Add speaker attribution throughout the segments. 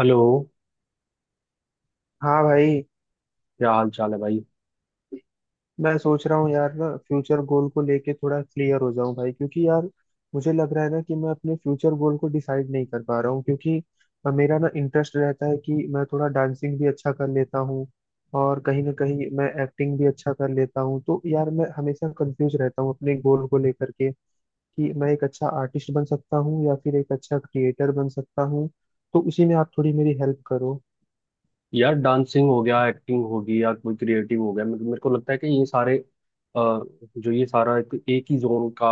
Speaker 1: Hello.
Speaker 2: हाँ भाई।
Speaker 1: क्या हाल चाल है भाई।
Speaker 2: मैं सोच रहा हूँ यार ना, फ्यूचर गोल को लेके थोड़ा क्लियर हो जाऊं भाई, क्योंकि यार मुझे लग रहा है ना कि मैं अपने फ्यूचर गोल को डिसाइड नहीं कर पा रहा हूँ। क्योंकि मेरा ना इंटरेस्ट रहता है कि मैं थोड़ा डांसिंग भी अच्छा कर लेता हूँ, और कहीं ना कहीं मैं एक्टिंग भी अच्छा कर लेता हूँ। तो यार मैं हमेशा कंफ्यूज रहता हूँ अपने गोल को लेकर के कि मैं एक अच्छा आर्टिस्ट बन सकता हूँ या फिर एक अच्छा क्रिएटर बन सकता हूँ। तो उसी में आप थोड़ी मेरी हेल्प करो।
Speaker 1: यार, डांसिंग हो गया, एक्टिंग होगी या कोई क्रिएटिव हो गया, मेरे को लगता है कि ये सारे जो ये सारा एक ही जोन का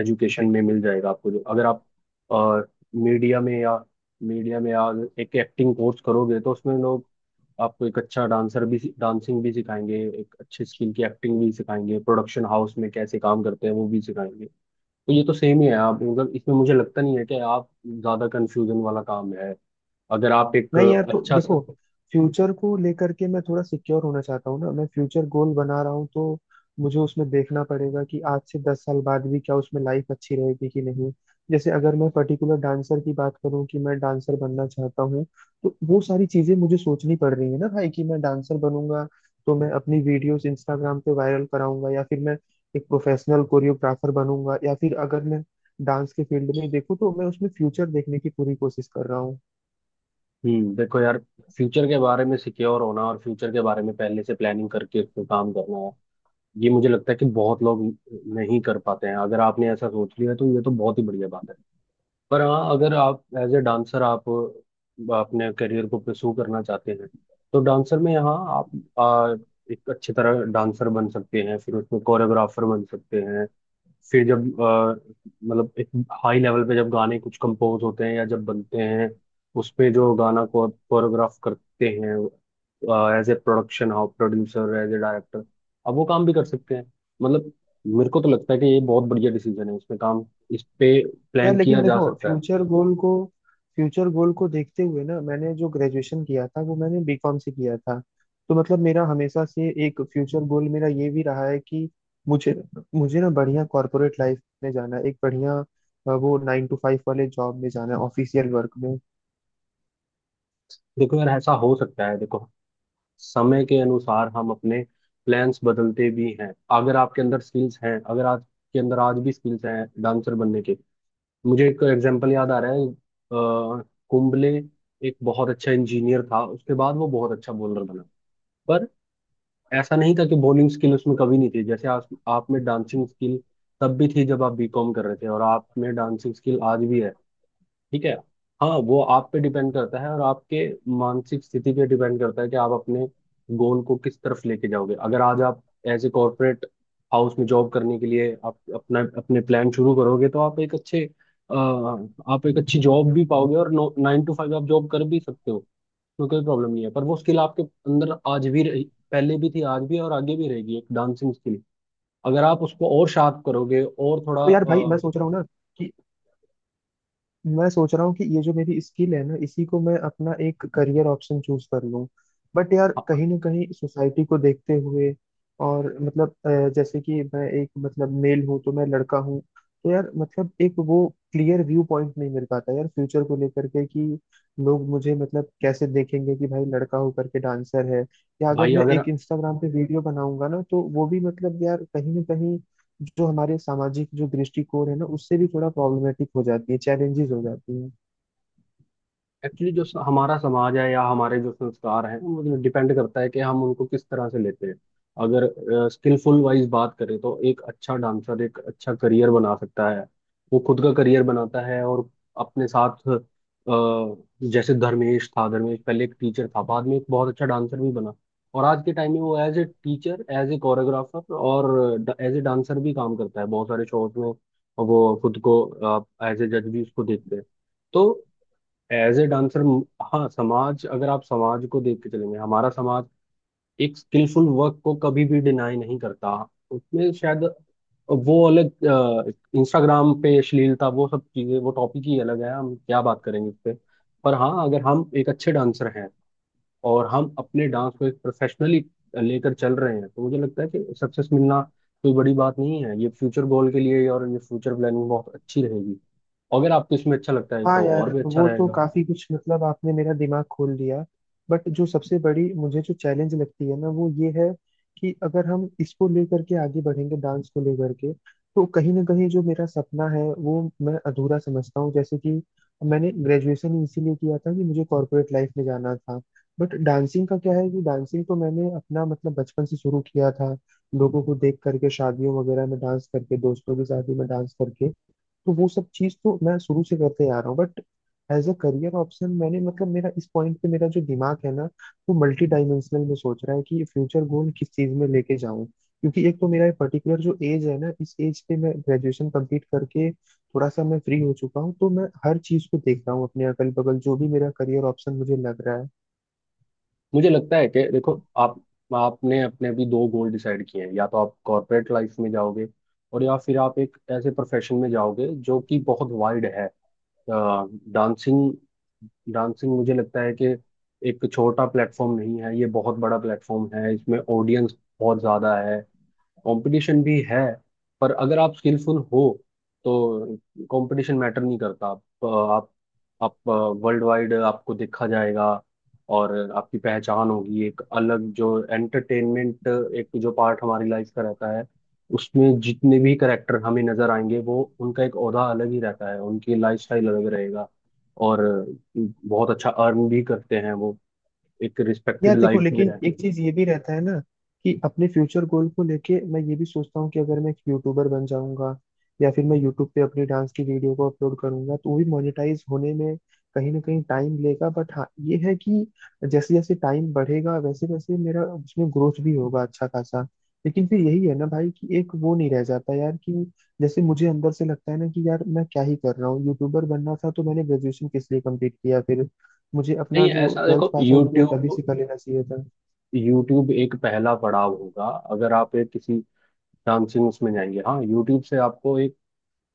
Speaker 1: एजुकेशन में मिल जाएगा आपको, जो अगर आप मीडिया में या मीडिया में या एक एक्टिंग कोर्स करोगे तो उसमें लोग आपको एक अच्छा डांसर भी, डांसिंग भी सिखाएंगे, एक अच्छे स्किल की एक्टिंग भी सिखाएंगे, प्रोडक्शन हाउस में कैसे काम करते हैं वो भी सिखाएंगे। तो ये तो सेम ही है आप, मतलब इसमें मुझे लगता नहीं है कि आप ज्यादा कंफ्यूजन वाला काम है। अगर आप एक
Speaker 2: नहीं यार, तो
Speaker 1: अच्छा सा।
Speaker 2: देखो, फ्यूचर को लेकर के मैं थोड़ा सिक्योर होना चाहता हूँ ना। मैं फ्यूचर गोल बना रहा हूँ तो मुझे उसमें देखना पड़ेगा कि आज से 10 साल बाद भी क्या उसमें लाइफ अच्छी रहेगी कि नहीं। जैसे अगर मैं पर्टिकुलर डांसर की बात करूँ कि मैं डांसर बनना चाहता हूँ, तो वो सारी चीजें मुझे सोचनी पड़ रही है ना भाई कि मैं डांसर बनूंगा तो मैं अपनी वीडियोस इंस्टाग्राम पे वायरल कराऊंगा, या फिर मैं एक प्रोफेशनल कोरियोग्राफर बनूंगा। या फिर अगर मैं डांस के फील्ड में देखूँ तो मैं उसमें फ्यूचर देखने की पूरी कोशिश कर रहा हूँ।
Speaker 1: हम्म, देखो यार, फ्यूचर के बारे में सिक्योर होना और फ्यूचर के बारे में पहले से प्लानिंग करके उस पे काम करना है, ये मुझे लगता है कि बहुत लोग नहीं कर पाते हैं। अगर आपने ऐसा सोच लिया तो ये तो बहुत ही बढ़िया बात है। पर हाँ, अगर आप एज ए डांसर आप अपने करियर को पुरसू करना चाहते हैं तो डांसर में यहाँ आप आ, एक अच्छी तरह डांसर बन सकते हैं, फिर उसमें कोरियोग्राफर बन सकते हैं, फिर जब मतलब एक हाई लेवल पे जब गाने कुछ कंपोज होते हैं या जब बनते हैं, उसमें जो गाना को कोरियोग्राफ करते हैं as a production house producer, as a director, अब वो काम भी कर सकते हैं। मतलब मेरे को तो लगता है कि ये बहुत बढ़िया डिसीजन है, इसमें काम इस पे
Speaker 2: यार
Speaker 1: प्लान
Speaker 2: लेकिन
Speaker 1: किया जा
Speaker 2: देखो
Speaker 1: सकता है।
Speaker 2: फ्यूचर गोल को, फ्यूचर गोल को देखते हुए ना, मैंने जो ग्रेजुएशन किया था वो मैंने बीकॉम से किया था। तो मतलब मेरा हमेशा से एक फ्यूचर गोल मेरा ये भी रहा है कि मुझे मुझे ना बढ़िया कॉर्पोरेट लाइफ में जाना है, एक बढ़िया वो 9 to 5 वाले जॉब में जाना है, ऑफिशियल वर्क में।
Speaker 1: देखो यार, ऐसा हो सकता है। देखो, समय के अनुसार हम अपने प्लान्स बदलते भी हैं। अगर आपके अंदर स्किल्स हैं, अगर आपके अंदर आज भी स्किल्स हैं डांसर बनने के। मुझे एक एग्जांपल याद आ रहा है, कुंबले एक बहुत अच्छा इंजीनियर था, उसके बाद वो बहुत अच्छा बॉलर बना। पर ऐसा नहीं था कि बॉलिंग स्किल उसमें कभी नहीं थी, जैसे आप में डांसिंग स्किल तब भी थी जब आप B.Com कर रहे थे, और आप में डांसिंग स्किल आज भी है। ठीक है। हाँ, वो आप पे डिपेंड करता है और आपके मानसिक स्थिति पे डिपेंड करता है कि आप अपने गोल को किस तरफ लेके जाओगे। अगर आज आप एज ए कॉर्पोरेट हाउस में जॉब करने के लिए आप अपना अपने प्लान शुरू करोगे तो आप एक अच्छे आप एक अच्छी जॉब भी पाओगे, और 9 to 5 आप जॉब कर भी सकते हो। तो कोई प्रॉब्लम नहीं है, पर वो स्किल आपके अंदर आज भी रही, पहले भी थी, आज भी है, और आगे भी रहेगी, एक डांसिंग स्किल। अगर आप उसको और शार्प करोगे और थोड़ा
Speaker 2: तो यार भाई मैं सोच रहा हूँ ना कि मैं सोच रहा हूँ कि ये जो मेरी स्किल है ना, इसी को मैं अपना एक करियर ऑप्शन चूज कर लूँ। बट यार कहीं
Speaker 1: हाँ,
Speaker 2: ना कहीं सोसाइटी को देखते हुए, और मतलब जैसे कि मैं एक मतलब मेल हूँ, तो मैं लड़का हूँ। तो यार मतलब एक वो क्लियर व्यू पॉइंट नहीं मिल पाता यार फ्यूचर को लेकर के कि लोग मुझे मतलब कैसे देखेंगे कि भाई लड़का होकर के डांसर है। या अगर
Speaker 1: भाई
Speaker 2: मैं
Speaker 1: अगर
Speaker 2: एक इंस्टाग्राम पे वीडियो बनाऊंगा ना तो वो भी मतलब यार कहीं ना कहीं जो हमारे सामाजिक जो दृष्टिकोण है ना उससे भी थोड़ा प्रॉब्लमेटिक हो जाती है, चैलेंजेस हो जाती है।
Speaker 1: एक्चुअली जो हमारा समाज है या हमारे जो संस्कार हैं, वो मतलब डिपेंड करता है कि हम उनको किस तरह से लेते हैं। अगर स्किलफुल वाइज बात करें तो एक अच्छा डांसर एक अच्छा करियर बना सकता है, वो खुद का करियर बनाता है और अपने साथ अ, जैसे धर्मेश था, धर्मेश पहले एक टीचर था, बाद में एक बहुत अच्छा डांसर भी बना। और आज के टाइम में वो as a teacher, as a choreographer और एज ए डांसर भी काम करता है बहुत सारे शोज में। वो खुद को एज ए जज भी उसको देखते हैं। तो एज ए डांसर, हाँ, समाज, अगर आप समाज को देख के चलेंगे, हमारा समाज एक स्किलफुल वर्क को कभी भी डिनाई नहीं करता। उसमें शायद वो अलग, इंस्टाग्राम पे अश्लीलता वो सब चीजें, वो टॉपिक ही अलग है, हम क्या बात करेंगे इस पे। पर हाँ, अगर हम एक अच्छे डांसर हैं और हम अपने डांस को एक प्रोफेशनली लेकर चल रहे हैं तो मुझे लगता है कि सक्सेस मिलना कोई बड़ी बात नहीं है। ये फ्यूचर गोल के लिए और ये फ्यूचर प्लानिंग बहुत अच्छी रहेगी, अगर आपको इसमें अच्छा लगता है
Speaker 2: हाँ
Speaker 1: तो और
Speaker 2: यार,
Speaker 1: भी अच्छा
Speaker 2: वो तो
Speaker 1: रहेगा।
Speaker 2: काफी कुछ मतलब आपने मेरा दिमाग खोल दिया। बट जो सबसे बड़ी मुझे जो चैलेंज लगती है ना वो ये है कि अगर हम इसको लेकर के आगे बढ़ेंगे, डांस को लेकर के, तो कहीं ना कहीं जो मेरा सपना है वो मैं अधूरा समझता हूँ। जैसे कि मैंने ग्रेजुएशन इसीलिए किया था कि मुझे कॉर्पोरेट लाइफ में जाना था। बट डांसिंग का क्या है कि डांसिंग तो मैंने अपना मतलब बचपन से शुरू किया था, लोगों को देख करके, शादियों वगैरह में डांस करके, दोस्तों की शादी में डांस करके। तो वो सब चीज तो मैं शुरू से करते आ रहा हूँ, but as a career option मैंने मतलब मेरा इस पॉइंट पे मेरा जो दिमाग है ना वो मल्टी डायमेंशनल में सोच रहा है कि फ्यूचर गोल किस चीज में लेके जाऊं। क्योंकि एक तो मेरा ये पर्टिकुलर जो एज है ना, इस एज पे मैं ग्रेजुएशन कंप्लीट करके थोड़ा सा मैं फ्री हो चुका हूँ, तो मैं हर चीज को देख रहा हूँ अपने अगल बगल जो भी मेरा करियर ऑप्शन मुझे लग रहा है।
Speaker 1: मुझे लगता है कि देखो, आप आपने अपने अभी दो गोल डिसाइड किए हैं, या तो आप कॉर्पोरेट लाइफ में जाओगे, और या फिर आप एक ऐसे प्रोफेशन में जाओगे जो कि बहुत वाइड है, डांसिंग। डांसिंग मुझे लगता है कि एक छोटा प्लेटफॉर्म नहीं है, ये बहुत बड़ा प्लेटफॉर्म है। इसमें ऑडियंस बहुत ज़्यादा है, कंपटीशन भी है। पर अगर आप स्किलफुल हो तो कंपटीशन मैटर नहीं करता। आप वर्ल्ड वाइड आपको देखा जाएगा, और आपकी पहचान होगी एक अलग। जो एंटरटेनमेंट एक जो पार्ट हमारी लाइफ का रहता है, उसमें जितने भी करेक्टर हमें नजर आएंगे वो, उनका एक ओहदा अलग ही रहता है, उनकी लाइफस्टाइल अलग रहेगा, और बहुत अच्छा अर्न भी करते हैं वो, एक
Speaker 2: यार
Speaker 1: रिस्पेक्टेड
Speaker 2: देखो
Speaker 1: लाइफ में
Speaker 2: लेकिन
Speaker 1: रहते
Speaker 2: एक
Speaker 1: हैं।
Speaker 2: चीज ये भी रहता है ना कि अपने फ्यूचर गोल को लेके मैं ये भी सोचता हूँ कि अगर मैं एक यूट्यूबर बन जाऊंगा या फिर मैं यूट्यूब पे अपनी डांस की वीडियो को अपलोड करूंगा, तो वो भी मोनेटाइज होने में कहीं ना कहीं टाइम लेगा। बट हाँ ये है कि जैसे जैसे टाइम बढ़ेगा वैसे वैसे मेरा उसमें ग्रोथ भी होगा अच्छा खासा। लेकिन फिर यही है ना भाई कि एक वो नहीं रह जाता यार, कि जैसे मुझे अंदर से लगता है ना कि यार मैं क्या ही कर रहा हूँ, यूट्यूबर बनना था तो मैंने ग्रेजुएशन किस लिए कंप्लीट किया फिर, मुझे अपना
Speaker 1: नहीं,
Speaker 2: जो
Speaker 1: ऐसा
Speaker 2: ट्वेल्थ
Speaker 1: देखो,
Speaker 2: पास आउट किया तभी
Speaker 1: यूट्यूब
Speaker 2: से कर लेना चाहिए था।
Speaker 1: यूट्यूब एक पहला पड़ाव होगा। अगर आप एक किसी डांसिंग उसमें जाएंगे, हाँ, यूट्यूब से आपको एक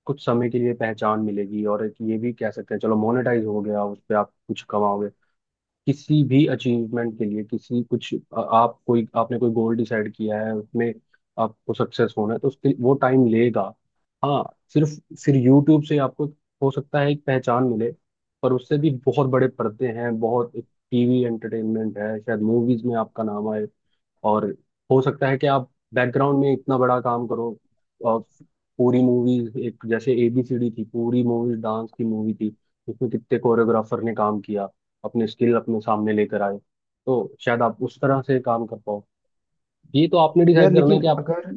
Speaker 1: कुछ समय के लिए पहचान मिलेगी, और एक ये भी कह सकते हैं चलो मोनेटाइज हो गया, उस पर आप कुछ कमाओगे। किसी भी अचीवमेंट के लिए, किसी कुछ आप कोई आपने कोई गोल डिसाइड किया है उसमें आपको सक्सेस होना है, तो उसके वो टाइम लेगा। हाँ, सिर्फ फिर यूट्यूब से आपको हो सकता है एक पहचान मिले, पर उससे भी बहुत बड़े पर्दे हैं। बहुत TV एंटरटेनमेंट है, शायद मूवीज में आपका नाम आए, और हो सकता है कि आप बैकग्राउंड में इतना बड़ा काम करो, और पूरी मूवीज, एक जैसे ABCD थी, पूरी मूवीज डांस की मूवी थी, उसमें कितने कोरियोग्राफर ने काम किया, अपने स्किल अपने सामने लेकर आए। तो शायद आप उस तरह से काम कर पाओ। ये तो आपने
Speaker 2: यार
Speaker 1: डिसाइड करना है
Speaker 2: लेकिन
Speaker 1: कि आप।
Speaker 2: अगर,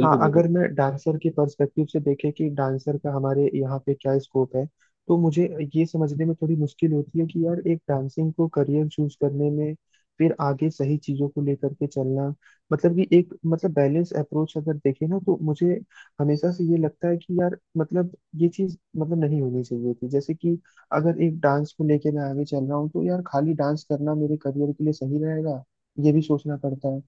Speaker 2: हाँ, अगर
Speaker 1: बिल्कुल।
Speaker 2: मैं डांसर के पर्सपेक्टिव से देखे कि डांसर का हमारे यहाँ पे क्या स्कोप है, तो मुझे ये समझने में थोड़ी मुश्किल होती है कि यार एक डांसिंग को करियर चूज करने में फिर आगे सही चीजों को लेकर के चलना, मतलब कि एक मतलब बैलेंस अप्रोच अगर देखे ना, तो मुझे हमेशा से ये लगता है कि यार मतलब ये चीज मतलब नहीं होनी चाहिए थी। जैसे कि अगर एक डांस को लेके मैं आगे चल रहा हूँ, तो यार खाली डांस करना मेरे करियर के लिए सही रहेगा ये भी सोचना पड़ता है।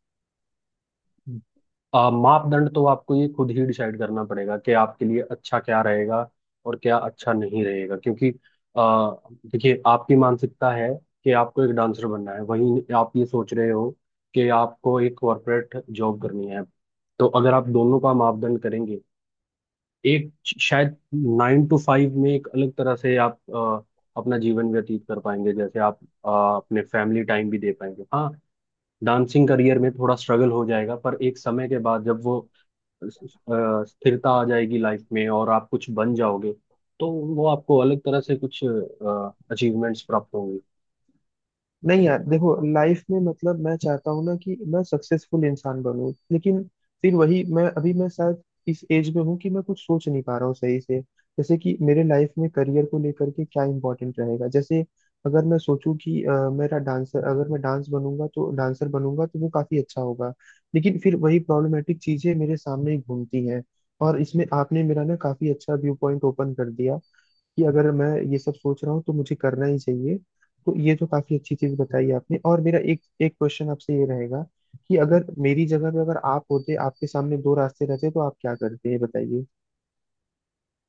Speaker 1: मापदंड तो आपको ये खुद ही डिसाइड करना पड़ेगा कि आपके लिए अच्छा क्या रहेगा और क्या अच्छा नहीं रहेगा, क्योंकि आ, देखिए आपकी मानसिकता है कि आपको एक डांसर बनना है, वहीं आप ये सोच रहे हो कि आपको एक कॉरपोरेट जॉब करनी है। तो अगर आप दोनों का मापदंड करेंगे, एक शायद 9 to 5 में एक अलग तरह से आप अपना जीवन व्यतीत कर पाएंगे, जैसे आप अपने फैमिली टाइम भी दे पाएंगे। हाँ, डांसिंग करियर में थोड़ा स्ट्रगल हो जाएगा, पर एक समय के बाद जब वो स्थिरता आ जाएगी लाइफ में और आप कुछ बन जाओगे तो वो आपको अलग तरह से कुछ अचीवमेंट्स प्राप्त होंगे।
Speaker 2: नहीं यार देखो, लाइफ में मतलब मैं चाहता हूँ ना कि मैं सक्सेसफुल इंसान बनूं। लेकिन फिर वही, मैं शायद इस एज में हूँ कि मैं कुछ सोच नहीं पा रहा हूँ सही से, जैसे कि मेरे लाइफ में करियर को लेकर के क्या इंपॉर्टेंट रहेगा। जैसे अगर मैं सोचूं कि मेरा डांसर अगर मैं डांस बनूंगा तो डांसर बनूंगा तो वो काफी अच्छा होगा। लेकिन फिर वही प्रॉब्लमेटिक चीजें मेरे सामने ही घूमती हैं। और इसमें आपने मेरा ना काफी अच्छा व्यू पॉइंट ओपन कर दिया कि अगर मैं ये सब सोच रहा हूँ तो मुझे करना ही चाहिए। तो ये तो काफी अच्छी चीज बताई आपने। और मेरा एक एक क्वेश्चन आपसे ये रहेगा कि अगर मेरी जगह पे अगर आप होते, आपके सामने दो रास्ते रहते, तो आप क्या करते ये बताइए।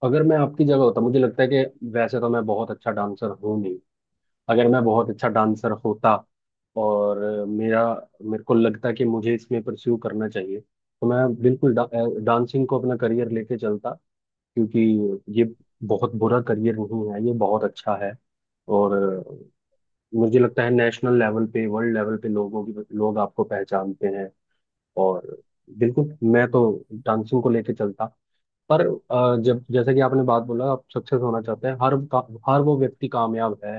Speaker 1: अगर मैं आपकी जगह होता, मुझे लगता है कि वैसे तो मैं बहुत अच्छा डांसर हूँ नहीं। अगर मैं बहुत अच्छा डांसर होता और मेरा मेरे को लगता कि मुझे इसमें परस्यू करना चाहिए तो मैं बिल्कुल डांसिंग को अपना करियर लेके चलता, क्योंकि ये बहुत बुरा करियर नहीं है, ये बहुत अच्छा है। और मुझे लगता है नेशनल लेवल पे वर्ल्ड लेवल पे लोग आपको पहचानते हैं। और बिल्कुल मैं तो डांसिंग को लेके चलता। पर जब, जैसे कि आपने बात बोला, आप सक्सेस होना चाहते हैं, हर वो व्यक्ति कामयाब है,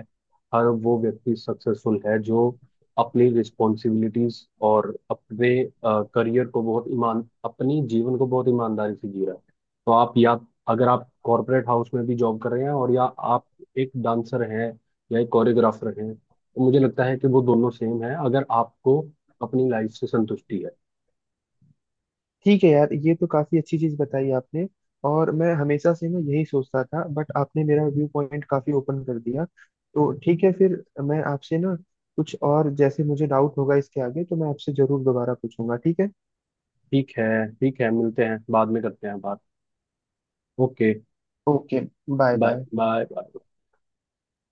Speaker 1: हर वो व्यक्ति सक्सेसफुल है जो अपनी रिस्पॉन्सिबिलिटीज और अपने करियर को बहुत ईमान, अपनी जीवन को बहुत ईमानदारी से जी रहा है। तो आप, या अगर आप कॉरपोरेट हाउस में भी जॉब कर रहे हैं और या आप एक डांसर हैं या एक कोरियोग्राफर हैं, तो मुझे लगता है कि वो दोनों सेम है, अगर आपको अपनी लाइफ से संतुष्टि है।
Speaker 2: ठीक है यार, ये तो काफी अच्छी चीज बताई आपने। और मैं हमेशा से ना यही सोचता था, बट आपने मेरा व्यू पॉइंट काफी ओपन कर दिया। तो ठीक है, फिर मैं आपसे ना कुछ और जैसे मुझे डाउट होगा इसके आगे तो मैं आपसे जरूर दोबारा पूछूंगा। ठीक है।
Speaker 1: ठीक है। ठीक है, मिलते हैं, बाद में करते हैं बात। Okay.
Speaker 2: Okay. Bye
Speaker 1: bye,
Speaker 2: bye.
Speaker 1: Bye, bye.